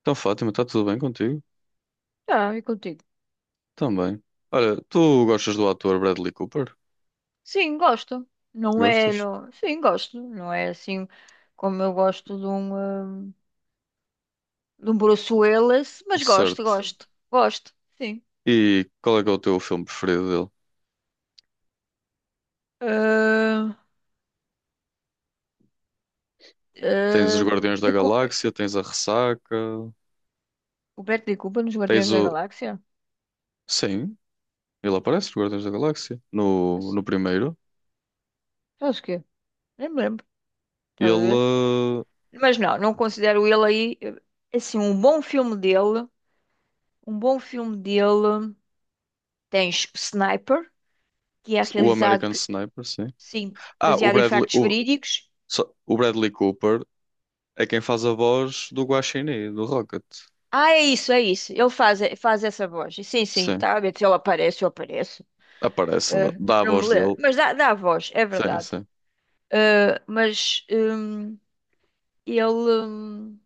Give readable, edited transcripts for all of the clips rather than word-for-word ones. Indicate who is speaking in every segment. Speaker 1: Então, Fátima, está tudo bem contigo?
Speaker 2: Tá, e contigo?
Speaker 1: Também. Olha, tu gostas do ator Bradley Cooper?
Speaker 2: Sim, gosto. Não é,
Speaker 1: Gostas?
Speaker 2: não. Sim, gosto. Não é assim como eu gosto de um Bruce Willis, mas gosto,
Speaker 1: Certo.
Speaker 2: gosto, gosto, sim.
Speaker 1: E qual é que é o teu filme preferido dele?
Speaker 2: Ah,
Speaker 1: Tens os
Speaker 2: ah,
Speaker 1: Guardiões da
Speaker 2: de Cu-
Speaker 1: Galáxia, tens a Ressaca,
Speaker 2: o Beto de Cuba nos
Speaker 1: tens
Speaker 2: Guardiões da
Speaker 1: o.
Speaker 2: Galáxia?
Speaker 1: Sim, ele aparece nos Guardiões da Galáxia, no,
Speaker 2: Acho
Speaker 1: no primeiro.
Speaker 2: acho que é. Nem me lembro, estás a
Speaker 1: Ele.
Speaker 2: ver? Mas não, não considero ele aí, assim, um bom filme dele. Um bom filme dele, tens Sniper, que é
Speaker 1: O
Speaker 2: realizado,
Speaker 1: American Sniper, sim.
Speaker 2: sim,
Speaker 1: Ah, o
Speaker 2: baseado em
Speaker 1: Bradley,
Speaker 2: factos
Speaker 1: o,
Speaker 2: verídicos.
Speaker 1: só- o Bradley Cooper é quem faz a voz do Guaxinim, do Rocket.
Speaker 2: Ah, é isso, é isso. Ele faz essa voz. Sim, sim,
Speaker 1: Sim,
Speaker 2: tá a ver se ele aparece, eu apareço.
Speaker 1: aparece, dá
Speaker 2: Ah,
Speaker 1: dá a
Speaker 2: não me
Speaker 1: voz
Speaker 2: lembro.
Speaker 1: dele.
Speaker 2: Mas dá a voz, é
Speaker 1: Sim,
Speaker 2: verdade.
Speaker 1: sim.
Speaker 2: Ah, mas ele. hum,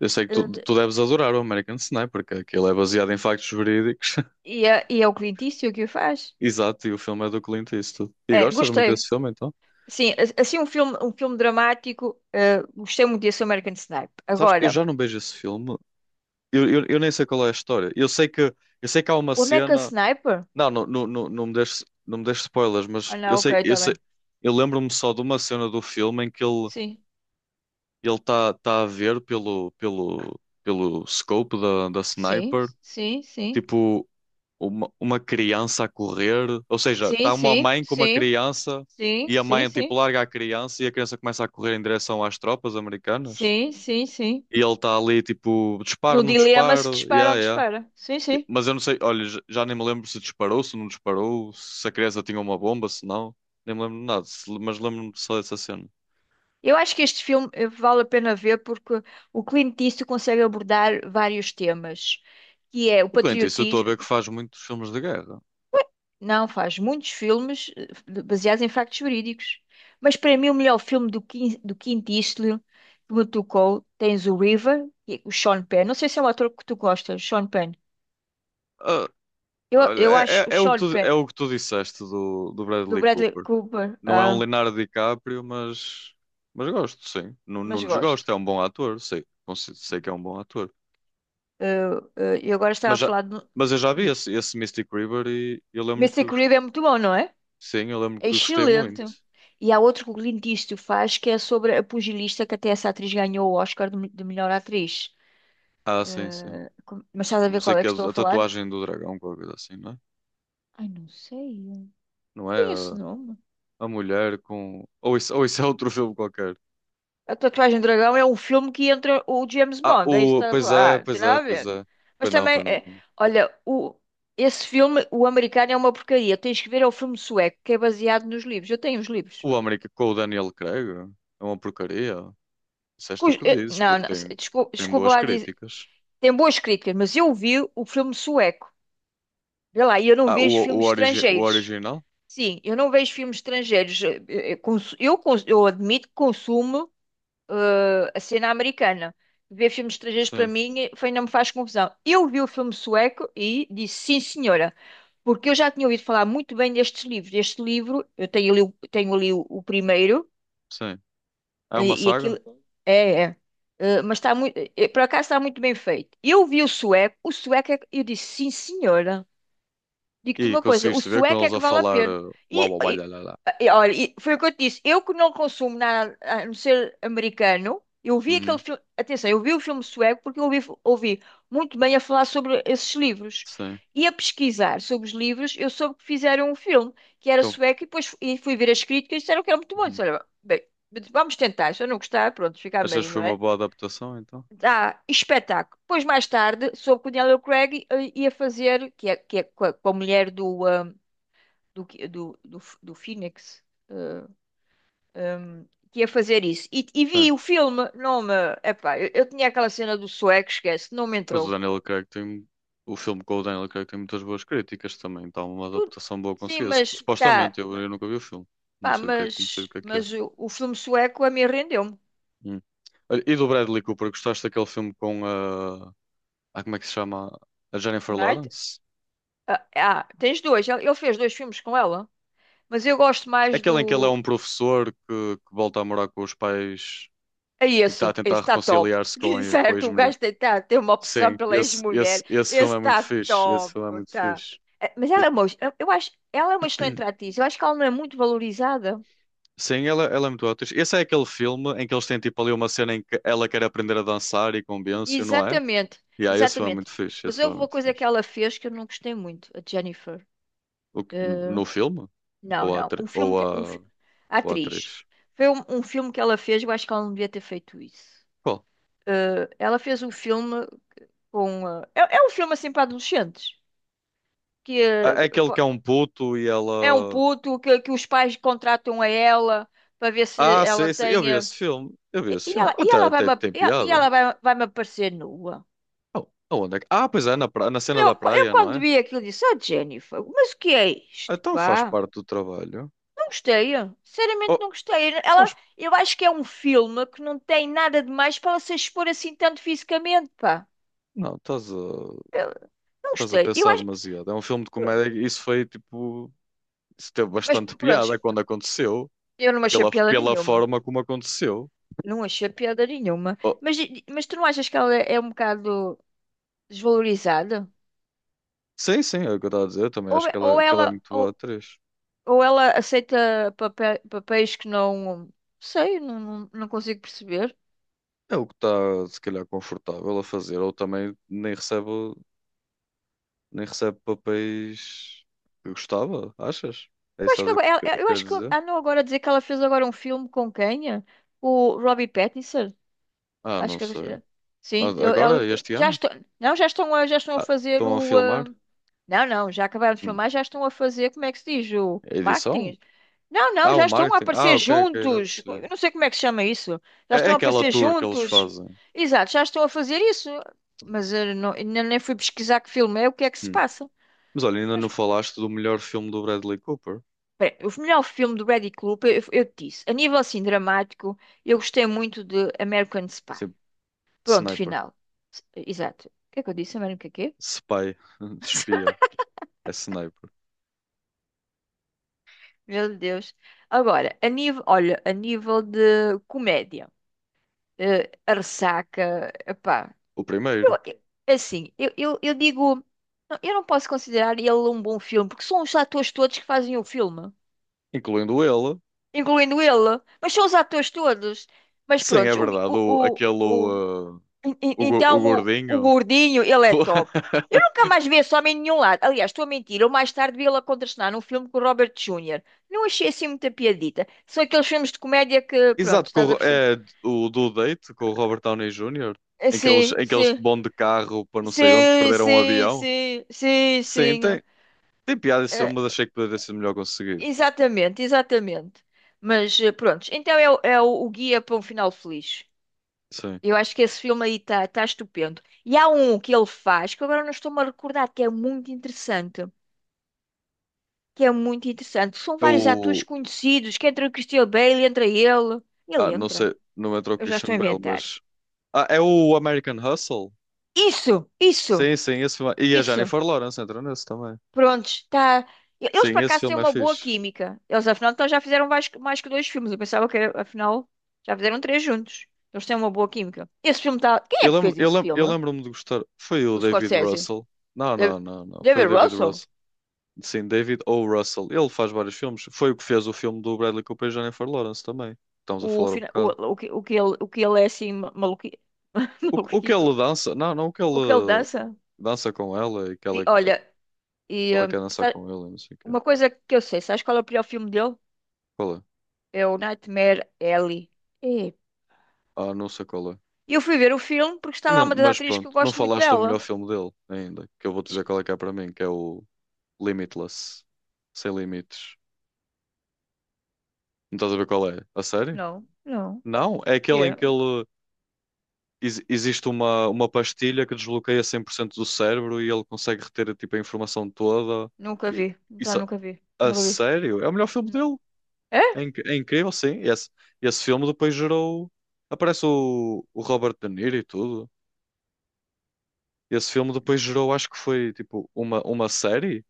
Speaker 1: Eu sei que tu
Speaker 2: ah,
Speaker 1: deves adorar o American Sniper, que aquilo é baseado em factos verídicos.
Speaker 2: e é o Clint Eastwood que o faz.
Speaker 1: Exato, e o filme é do Clint Eastwood. E
Speaker 2: É,
Speaker 1: gostas muito
Speaker 2: gostei.
Speaker 1: desse filme, então?
Speaker 2: Sim, assim um filme dramático. Gostei muito desse American Sniper.
Speaker 1: Sabes que eu
Speaker 2: Agora,
Speaker 1: já não vejo esse filme. Eu nem sei qual é a história. Eu sei que há uma
Speaker 2: o American
Speaker 1: cena.
Speaker 2: Sniper?
Speaker 1: Não, não, não, não, não me deixes, não me deixes spoilers, mas
Speaker 2: Ah,
Speaker 1: eu
Speaker 2: não, ok,
Speaker 1: sei, eu
Speaker 2: está
Speaker 1: sei,
Speaker 2: bem.
Speaker 1: eu lembro-me só de uma cena do filme em que ele
Speaker 2: Sim,
Speaker 1: ele está tá a ver pelo scope da, da
Speaker 2: sim,
Speaker 1: sniper,
Speaker 2: sim, sim.
Speaker 1: tipo uma criança a correr, ou seja,
Speaker 2: Sim,
Speaker 1: está uma
Speaker 2: sim,
Speaker 1: mãe com uma
Speaker 2: sim.
Speaker 1: criança
Speaker 2: Sim,
Speaker 1: e a
Speaker 2: sim,
Speaker 1: mãe tipo
Speaker 2: sim.
Speaker 1: larga a criança e a criança começa a correr em direção às tropas americanas.
Speaker 2: Sim, sim, sim.
Speaker 1: E ele está ali tipo, disparo,
Speaker 2: No
Speaker 1: não
Speaker 2: dilema se
Speaker 1: disparo,
Speaker 2: dispara
Speaker 1: yeah,
Speaker 2: ou
Speaker 1: yeah.
Speaker 2: dispara. Sim, sim.
Speaker 1: Mas eu não sei, olha, j- já nem me lembro se disparou, se não disparou, se a criança tinha uma bomba, se não, nem me lembro de nada, se- mas lembro-me só dessa cena.
Speaker 2: Eu acho que este filme vale a pena ver porque o Clint Eastwood consegue abordar vários temas, que é o
Speaker 1: O Clint Eastwood, eu estou a ver que
Speaker 2: patriotismo.
Speaker 1: faz muitos filmes de guerra.
Speaker 2: Não, faz muitos filmes baseados em factos verídicos. Mas para mim o melhor filme do Clint Eastwood que me tocou, tens o River, que é o Sean Penn. Não sei se é um ator que tu gostas, Sean Penn.
Speaker 1: Ah,
Speaker 2: Eu,
Speaker 1: olha,
Speaker 2: eu
Speaker 1: é, é-
Speaker 2: acho o
Speaker 1: é o que
Speaker 2: Sean
Speaker 1: tu,
Speaker 2: Penn,
Speaker 1: é o que tu disseste do, do
Speaker 2: do
Speaker 1: Bradley
Speaker 2: Bradley
Speaker 1: Cooper.
Speaker 2: Cooper,
Speaker 1: Não é um Leonardo DiCaprio, mas gosto, sim. Não,
Speaker 2: mas
Speaker 1: não
Speaker 2: gosto.
Speaker 1: desgosto, é um bom ator, sei, consi- sei que é um bom ator.
Speaker 2: Eh, eu agora estava
Speaker 1: Mas,
Speaker 2: a
Speaker 1: já,
Speaker 2: falar de.
Speaker 1: mas eu já vi
Speaker 2: Diz.
Speaker 1: esse, esse Mystic River e eu lembro
Speaker 2: Mr.
Speaker 1: que, gos-
Speaker 2: Creed é muito bom, não é?
Speaker 1: sim, eu lembro
Speaker 2: É
Speaker 1: que gostei muito.
Speaker 2: excelente. E há outro que o Clint Eastwood faz que é sobre a pugilista que até essa atriz ganhou o Oscar de melhor atriz.
Speaker 1: Ah, sim, sim.
Speaker 2: Mas estás a
Speaker 1: Não
Speaker 2: ver
Speaker 1: sei
Speaker 2: qual
Speaker 1: o
Speaker 2: é
Speaker 1: que é
Speaker 2: que estou a
Speaker 1: a
Speaker 2: falar?
Speaker 1: tatuagem do dragão, qualquer coisa assim, não é?
Speaker 2: Ai, não sei. Não.
Speaker 1: Não é
Speaker 2: Tem esse nome.
Speaker 1: a mulher com. Ou isso é outro filme qualquer.
Speaker 2: A Tatuagem do Dragão é um filme que entra o James
Speaker 1: Ah,
Speaker 2: Bond. É isso
Speaker 1: o.
Speaker 2: que estás a
Speaker 1: Pois
Speaker 2: falar.
Speaker 1: é,
Speaker 2: Ah, não tem
Speaker 1: pois é,
Speaker 2: nada a
Speaker 1: pois
Speaker 2: ver.
Speaker 1: é.
Speaker 2: Mas
Speaker 1: Pois não,
Speaker 2: também,
Speaker 1: pois não,
Speaker 2: é,
Speaker 1: pois não.
Speaker 2: olha, esse filme, o americano, é uma porcaria. Tens que ver, é o filme sueco, que é baseado nos livros. Eu tenho os livros.
Speaker 1: O América com o Daniel Craig é uma porcaria. Disseste o que dizes,
Speaker 2: Não, não,
Speaker 1: porque tem,
Speaker 2: desculpa,
Speaker 1: tem
Speaker 2: desculpa
Speaker 1: boas
Speaker 2: lá dizer.
Speaker 1: críticas.
Speaker 2: Tem boas críticas, mas eu vi o filme sueco. Vê lá, e eu não
Speaker 1: Ah,
Speaker 2: vejo filmes
Speaker 1: origi o
Speaker 2: estrangeiros.
Speaker 1: original?
Speaker 2: Sim, eu não vejo filmes estrangeiros. Eu admito que consumo a cena americana. Ver filmes estrangeiros para
Speaker 1: Sim,
Speaker 2: mim foi, não me faz confusão. Eu vi o filme sueco e disse sim, senhora, porque eu já tinha ouvido falar muito bem destes livros. Este livro, eu tenho ali, tenho ali o primeiro.
Speaker 1: sim. É uma
Speaker 2: E
Speaker 1: saga?
Speaker 2: aquilo. É, é. Mas está muito. Por acaso está muito bem feito. Eu vi o sueco, eu disse, sim, senhora. Digo-te
Speaker 1: E
Speaker 2: uma coisa, o
Speaker 1: conseguiste ver com
Speaker 2: sueco é
Speaker 1: eles
Speaker 2: que
Speaker 1: a
Speaker 2: vale a
Speaker 1: falar
Speaker 2: pena.
Speaker 1: uau,
Speaker 2: E,
Speaker 1: uau, uau, lá,
Speaker 2: e-
Speaker 1: lá, lá.
Speaker 2: olha, e foi o que eu te disse. Eu que não consumo nada a não ser americano, eu vi aquele
Speaker 1: Uhum,
Speaker 2: filme. Atenção, eu vi o filme sueco porque eu ouvi muito bem a falar sobre esses livros.
Speaker 1: sim.
Speaker 2: E a pesquisar sobre os livros, eu soube que fizeram um filme que era
Speaker 1: Então,
Speaker 2: sueco e depois e fui ver as críticas e disseram que era muito bom.
Speaker 1: uhum.
Speaker 2: Disse, olha, bem, vamos tentar. Se eu não gostar, pronto, fica
Speaker 1: Achas
Speaker 2: bem,
Speaker 1: que
Speaker 2: não
Speaker 1: foi uma
Speaker 2: é?
Speaker 1: boa adaptação, então?
Speaker 2: Dá espetáculo. Depois, mais tarde, soube que o Daniel Craig ia fazer, que é com a mulher do, que- do, do, do Phoenix, eh, um, que ia fazer isso. E
Speaker 1: Sim.
Speaker 2: vi o filme, não me. Epá, eu tinha aquela cena do sueco, esquece, não me
Speaker 1: Mas o
Speaker 2: entrou.
Speaker 1: Daniel Craig tem... O filme com o Daniel Craig tem muitas boas críticas também. Então, uma
Speaker 2: Tudo.
Speaker 1: adaptação boa
Speaker 2: Sim,
Speaker 1: conseguida. Sup-
Speaker 2: mas tá.
Speaker 1: Supostamente, eu, eu nunca vi o filme. Não
Speaker 2: Pá,
Speaker 1: sei do que é, que- não sei do
Speaker 2: mas,
Speaker 1: que é que é.
Speaker 2: mas o filme sueco a mim rendeu-me.
Speaker 1: Hum. Olha, e do Bradley Cooper, gostaste daquele filme com a... Ah, como é que se chama? A
Speaker 2: O
Speaker 1: Jennifer
Speaker 2: Night.
Speaker 1: Lawrence?
Speaker 2: Tens dois. Ele fez dois filmes com ela, mas eu gosto mais
Speaker 1: Aquele em que ele é
Speaker 2: do.
Speaker 1: um professor que volta a morar com os pais
Speaker 2: É
Speaker 1: e que
Speaker 2: esse,
Speaker 1: está a
Speaker 2: esse
Speaker 1: tentar
Speaker 2: está top.
Speaker 1: reconciliar-se com a
Speaker 2: Certo, o
Speaker 1: ex-mulher.
Speaker 2: gajo tem, tá, tem uma opção
Speaker 1: Sim,
Speaker 2: pela
Speaker 1: esse, esse,
Speaker 2: ex-mulher.
Speaker 1: esse filme
Speaker 2: Esse
Speaker 1: é muito
Speaker 2: está
Speaker 1: fixe. Esse
Speaker 2: top,
Speaker 1: filme é muito
Speaker 2: tá.
Speaker 1: fixe.
Speaker 2: Mas ela
Speaker 1: E-
Speaker 2: é uma, eu acho, ela é uma excelente atriz. Eu acho que ela não é muito valorizada.
Speaker 1: sim, ela é muito atriz. Esse é aquele filme em que eles têm tipo ali uma cena em que ela quer aprender a dançar e convence-o, não é?
Speaker 2: Exatamente,
Speaker 1: E aí, esse filme é
Speaker 2: exatamente.
Speaker 1: muito fixe.
Speaker 2: Mas
Speaker 1: Esse filme
Speaker 2: houve
Speaker 1: é
Speaker 2: uma
Speaker 1: muito
Speaker 2: coisa que
Speaker 1: fixe.
Speaker 2: ela fez que eu não gostei muito, a Jennifer.
Speaker 1: O que-
Speaker 2: Eh,
Speaker 1: no filme? Ou
Speaker 2: não,
Speaker 1: a,
Speaker 2: não. Um
Speaker 1: atri-
Speaker 2: filme que,
Speaker 1: a,
Speaker 2: a
Speaker 1: ou a atriz?
Speaker 2: atriz. Foi um filme que ela fez, eu acho que ela não devia ter feito isso.
Speaker 1: Qual?
Speaker 2: Ela fez um filme com. É um filme assim para adolescentes. Que
Speaker 1: Ah, é aquele
Speaker 2: pô,
Speaker 1: que é um puto e
Speaker 2: é um
Speaker 1: ela.
Speaker 2: puto que os pais contratam a ela para ver se
Speaker 1: Ah,
Speaker 2: ela
Speaker 1: sim, sim, eu vi
Speaker 2: tenha.
Speaker 1: esse filme. Eu vi esse filme. Até, até tem
Speaker 2: E ela e
Speaker 1: piada.
Speaker 2: ela vai-me aparecer nua.
Speaker 1: Oh, aonde é que... Ah, pois é, na, pra- na cena
Speaker 2: Eu,
Speaker 1: da
Speaker 2: eu
Speaker 1: praia, não
Speaker 2: quando
Speaker 1: é?
Speaker 2: vi aquilo disse, ah, Jennifer, mas o que é isto,
Speaker 1: Então faz
Speaker 2: pá?
Speaker 1: parte do trabalho.
Speaker 2: Não gostei, sinceramente não
Speaker 1: Oh,
Speaker 2: gostei. Ela,
Speaker 1: faz...
Speaker 2: eu acho que é um filme que não tem nada de mais para ela se expor assim tanto fisicamente, pá.
Speaker 1: Não, estás a...
Speaker 2: Eu não
Speaker 1: estás a
Speaker 2: gostei. Eu
Speaker 1: pensar
Speaker 2: acho,
Speaker 1: demasiado. É um filme de
Speaker 2: pronto.
Speaker 1: comédia e isso foi, tipo... Isso teve
Speaker 2: Mas
Speaker 1: bastante
Speaker 2: pronto,
Speaker 1: piada quando aconteceu.
Speaker 2: eu não achei
Speaker 1: Pela,
Speaker 2: piada
Speaker 1: pela
Speaker 2: nenhuma.
Speaker 1: forma como aconteceu.
Speaker 2: Não achei piada nenhuma.
Speaker 1: Oh,
Speaker 2: Mas tu não achas que ela é um bocado desvalorizada?
Speaker 1: sim, sim, é o que eu estava a dizer. Eu também
Speaker 2: Ou,
Speaker 1: acho
Speaker 2: ou
Speaker 1: que ela é
Speaker 2: ela,
Speaker 1: muito boa
Speaker 2: ou,
Speaker 1: atriz.
Speaker 2: Ou ela aceita papéis que não. Sei, não, não, não consigo perceber.
Speaker 1: É o que está, se calhar, confortável a fazer. Ou também nem recebe, nem recebe papéis que gostava, achas? É
Speaker 2: Eu
Speaker 1: isso
Speaker 2: acho que
Speaker 1: que
Speaker 2: agora,
Speaker 1: estás a
Speaker 2: eu
Speaker 1: querer
Speaker 2: acho que
Speaker 1: dizer?
Speaker 2: andam agora a dizer que ela fez agora um filme com quem? É? O Robbie Pattinson.
Speaker 1: Ah,
Speaker 2: Acho
Speaker 1: não
Speaker 2: que.
Speaker 1: sei.
Speaker 2: Sim,
Speaker 1: Mas agora,
Speaker 2: ela,
Speaker 1: este
Speaker 2: já
Speaker 1: ano?
Speaker 2: estão. Não, já estão, já estão a
Speaker 1: Ah,
Speaker 2: fazer
Speaker 1: estão a
Speaker 2: o.
Speaker 1: filmar?
Speaker 2: Não, não, já acabaram de
Speaker 1: Hum.
Speaker 2: filmar, já estão a fazer, como é que se diz? O
Speaker 1: A edição?
Speaker 2: marketing. Não, não,
Speaker 1: Ah, o
Speaker 2: já estão a
Speaker 1: marketing. Ah,
Speaker 2: aparecer
Speaker 1: ok, ok, já
Speaker 2: juntos.
Speaker 1: percebi.
Speaker 2: Eu não sei como é que se chama isso. Já
Speaker 1: É, é
Speaker 2: estão a
Speaker 1: aquela
Speaker 2: aparecer
Speaker 1: tour que eles
Speaker 2: juntos.
Speaker 1: fazem.
Speaker 2: Exato, já estão a fazer isso. Mas eu ainda nem fui pesquisar que filme é, o que é que se
Speaker 1: Hum.
Speaker 2: passa.
Speaker 1: Mas olha, ainda não
Speaker 2: Mas,
Speaker 1: falaste do melhor filme do Bradley Cooper?
Speaker 2: pera, o melhor filme do Brady Cooper, eu te disse, a nível assim dramático, eu gostei muito de American Spy.
Speaker 1: Sim,
Speaker 2: Pronto,
Speaker 1: Sniper.
Speaker 2: final. Exato. O que é que eu disse? American quê?
Speaker 1: Spy. De espia. É Sniper.
Speaker 2: Meu Deus. Agora, a nível, olha, a nível de comédia, a ressaca, epá.
Speaker 1: O
Speaker 2: Eu,
Speaker 1: primeiro.
Speaker 2: eu- assim, eu digo, não, eu não posso considerar ele um bom filme, porque são os atores todos que fazem o filme,
Speaker 1: Incluindo ele.
Speaker 2: incluindo ele, mas são os atores todos. Mas
Speaker 1: Sim, é
Speaker 2: pronto, o,
Speaker 1: verdade. O,
Speaker 2: o,
Speaker 1: aquele.
Speaker 2: o, o- en- en-
Speaker 1: O, go- o
Speaker 2: então o
Speaker 1: gordinho.
Speaker 2: gordinho, ele é top. Eu nunca mais vi esse homem em nenhum lado. Aliás, estou a mentir, eu mais tarde vi ele a contracenar num filme com o Robert Jr. Não achei assim muita piadita. São aqueles filmes de comédia que, pronto,
Speaker 1: Exato, com o,
Speaker 2: estás a
Speaker 1: Ro-
Speaker 2: perceber?
Speaker 1: é o do date com o Robert Downey Jr.
Speaker 2: Sim,
Speaker 1: Em que eles
Speaker 2: sim,
Speaker 1: vão de carro para não sei onde,
Speaker 2: sim,
Speaker 1: perderam um
Speaker 2: sim,
Speaker 1: avião.
Speaker 2: sim, sim,
Speaker 1: Sim,
Speaker 2: sim.
Speaker 1: tem, tem piada esse filme, mas achei que poderia ser melhor conseguido.
Speaker 2: Exatamente, exatamente. Mas pronto, então o guia para um final feliz.
Speaker 1: Sim.
Speaker 2: Eu acho que esse filme aí está estupendo. E há um que ele faz, que agora não estou-me a recordar, que é muito interessante. Que é muito interessante. São
Speaker 1: É
Speaker 2: vários atores
Speaker 1: o.
Speaker 2: conhecidos, que entra o Christian Bale, entra ele.
Speaker 1: Ah,
Speaker 2: Ele
Speaker 1: não
Speaker 2: entra.
Speaker 1: sei, não entrou o
Speaker 2: Eu já estou
Speaker 1: Christian
Speaker 2: a
Speaker 1: Bale,
Speaker 2: inventar.
Speaker 1: mas. Ah, é o American Hustle?
Speaker 2: Isso, isso,
Speaker 1: Sim, sim, esse filme. E a
Speaker 2: isso.
Speaker 1: Jennifer Lawrence entra nesse também.
Speaker 2: Prontos, tá. Eles
Speaker 1: Sim,
Speaker 2: por
Speaker 1: esse
Speaker 2: acaso têm
Speaker 1: filme é
Speaker 2: uma boa
Speaker 1: fixe.
Speaker 2: química. Eles afinal então já fizeram mais que dois filmes. Eu pensava que afinal já fizeram três juntos. Eles têm uma boa química. Esse filme tá. Quem é
Speaker 1: Eu
Speaker 2: que
Speaker 1: lembro,
Speaker 2: fez
Speaker 1: eu
Speaker 2: esse
Speaker 1: lembro, eu
Speaker 2: filme?
Speaker 1: lembro-me de gostar. Foi o
Speaker 2: O
Speaker 1: David
Speaker 2: Scorsese?
Speaker 1: Russell. Não,
Speaker 2: Da-
Speaker 1: não, não, não. Foi o
Speaker 2: David
Speaker 1: David
Speaker 2: Russell?
Speaker 1: Russell. Sim, David O. Russell. Ele faz vários filmes. Foi o que fez o filme do Bradley Cooper e Jennifer Lawrence também. Estamos a falar um
Speaker 2: O,
Speaker 1: bocado.
Speaker 2: o, que, o, que ele, o que ele é assim maluqui.
Speaker 1: O que ele
Speaker 2: Maluquito?
Speaker 1: dança? Não, não o que
Speaker 2: O que ele
Speaker 1: ele
Speaker 2: dança?
Speaker 1: dança com ela e que
Speaker 2: E
Speaker 1: ela
Speaker 2: olha, e,
Speaker 1: ela
Speaker 2: hum,
Speaker 1: quer dançar
Speaker 2: sa-
Speaker 1: com ele, não sei o quê.
Speaker 2: uma coisa que eu sei, sabes qual é o pior filme dele?
Speaker 1: Qual é?
Speaker 2: É o Nightmare Alley. É.
Speaker 1: Ah, não sei qual é.
Speaker 2: E eu fui ver o filme porque está lá
Speaker 1: Ainda, não-
Speaker 2: uma das
Speaker 1: mas
Speaker 2: atrizes que eu
Speaker 1: pronto, não
Speaker 2: gosto muito
Speaker 1: falaste do
Speaker 2: dela.
Speaker 1: melhor filme dele ainda, que eu vou dizer qual é que é para mim, que é o Limitless. Sem limites. Não estás a ver qual é? A sério?
Speaker 2: Não, não.
Speaker 1: Não, é aquele em que
Speaker 2: Yeah.
Speaker 1: ele ex- existe uma pastilha que desbloqueia 100% do cérebro e ele consegue reter tipo, a informação toda.
Speaker 2: Nunca
Speaker 1: E-
Speaker 2: vi. Tá,
Speaker 1: Isso,
Speaker 2: nunca vi.
Speaker 1: a
Speaker 2: Nunca vi.
Speaker 1: sério? É o melhor filme
Speaker 2: Não.
Speaker 1: dele. É,
Speaker 2: É?
Speaker 1: inc- é incrível, sim. Esse filme depois gerou. Aparece o Robert De Niro e tudo. Esse filme depois gerou, acho que foi tipo uma série.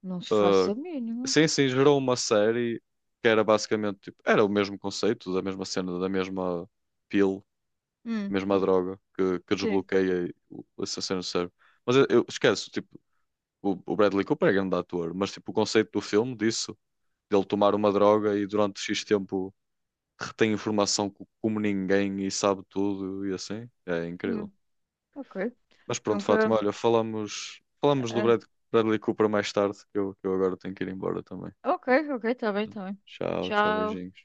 Speaker 2: Não se faça
Speaker 1: ah,
Speaker 2: a mínima.
Speaker 1: sim, sim, gerou uma série que era basicamente tipo, era o mesmo conceito, da mesma cena, da mesma pill,
Speaker 2: Hum,
Speaker 1: mesma droga que
Speaker 2: sim.
Speaker 1: desbloqueia o- essa cena do cérebro. Mas eu esqueço, tipo, o Bradley Cooper é grande ator, mas tipo, o conceito do filme disso, dele tomar uma droga e durante X tempo retém informação co- como ninguém e sabe tudo e assim, é incrível.
Speaker 2: Hum, ok.
Speaker 1: Mas pronto,
Speaker 2: Nunca.
Speaker 1: Fátima, olha, falamos, falamos
Speaker 2: É,
Speaker 1: do
Speaker 2: é.
Speaker 1: Brad, Bradley Cooper mais tarde, que eu agora tenho que ir embora também.
Speaker 2: Ok, ok, tá bem, tá bem.
Speaker 1: Tchau, tchau,
Speaker 2: Tchau.
Speaker 1: beijinhos.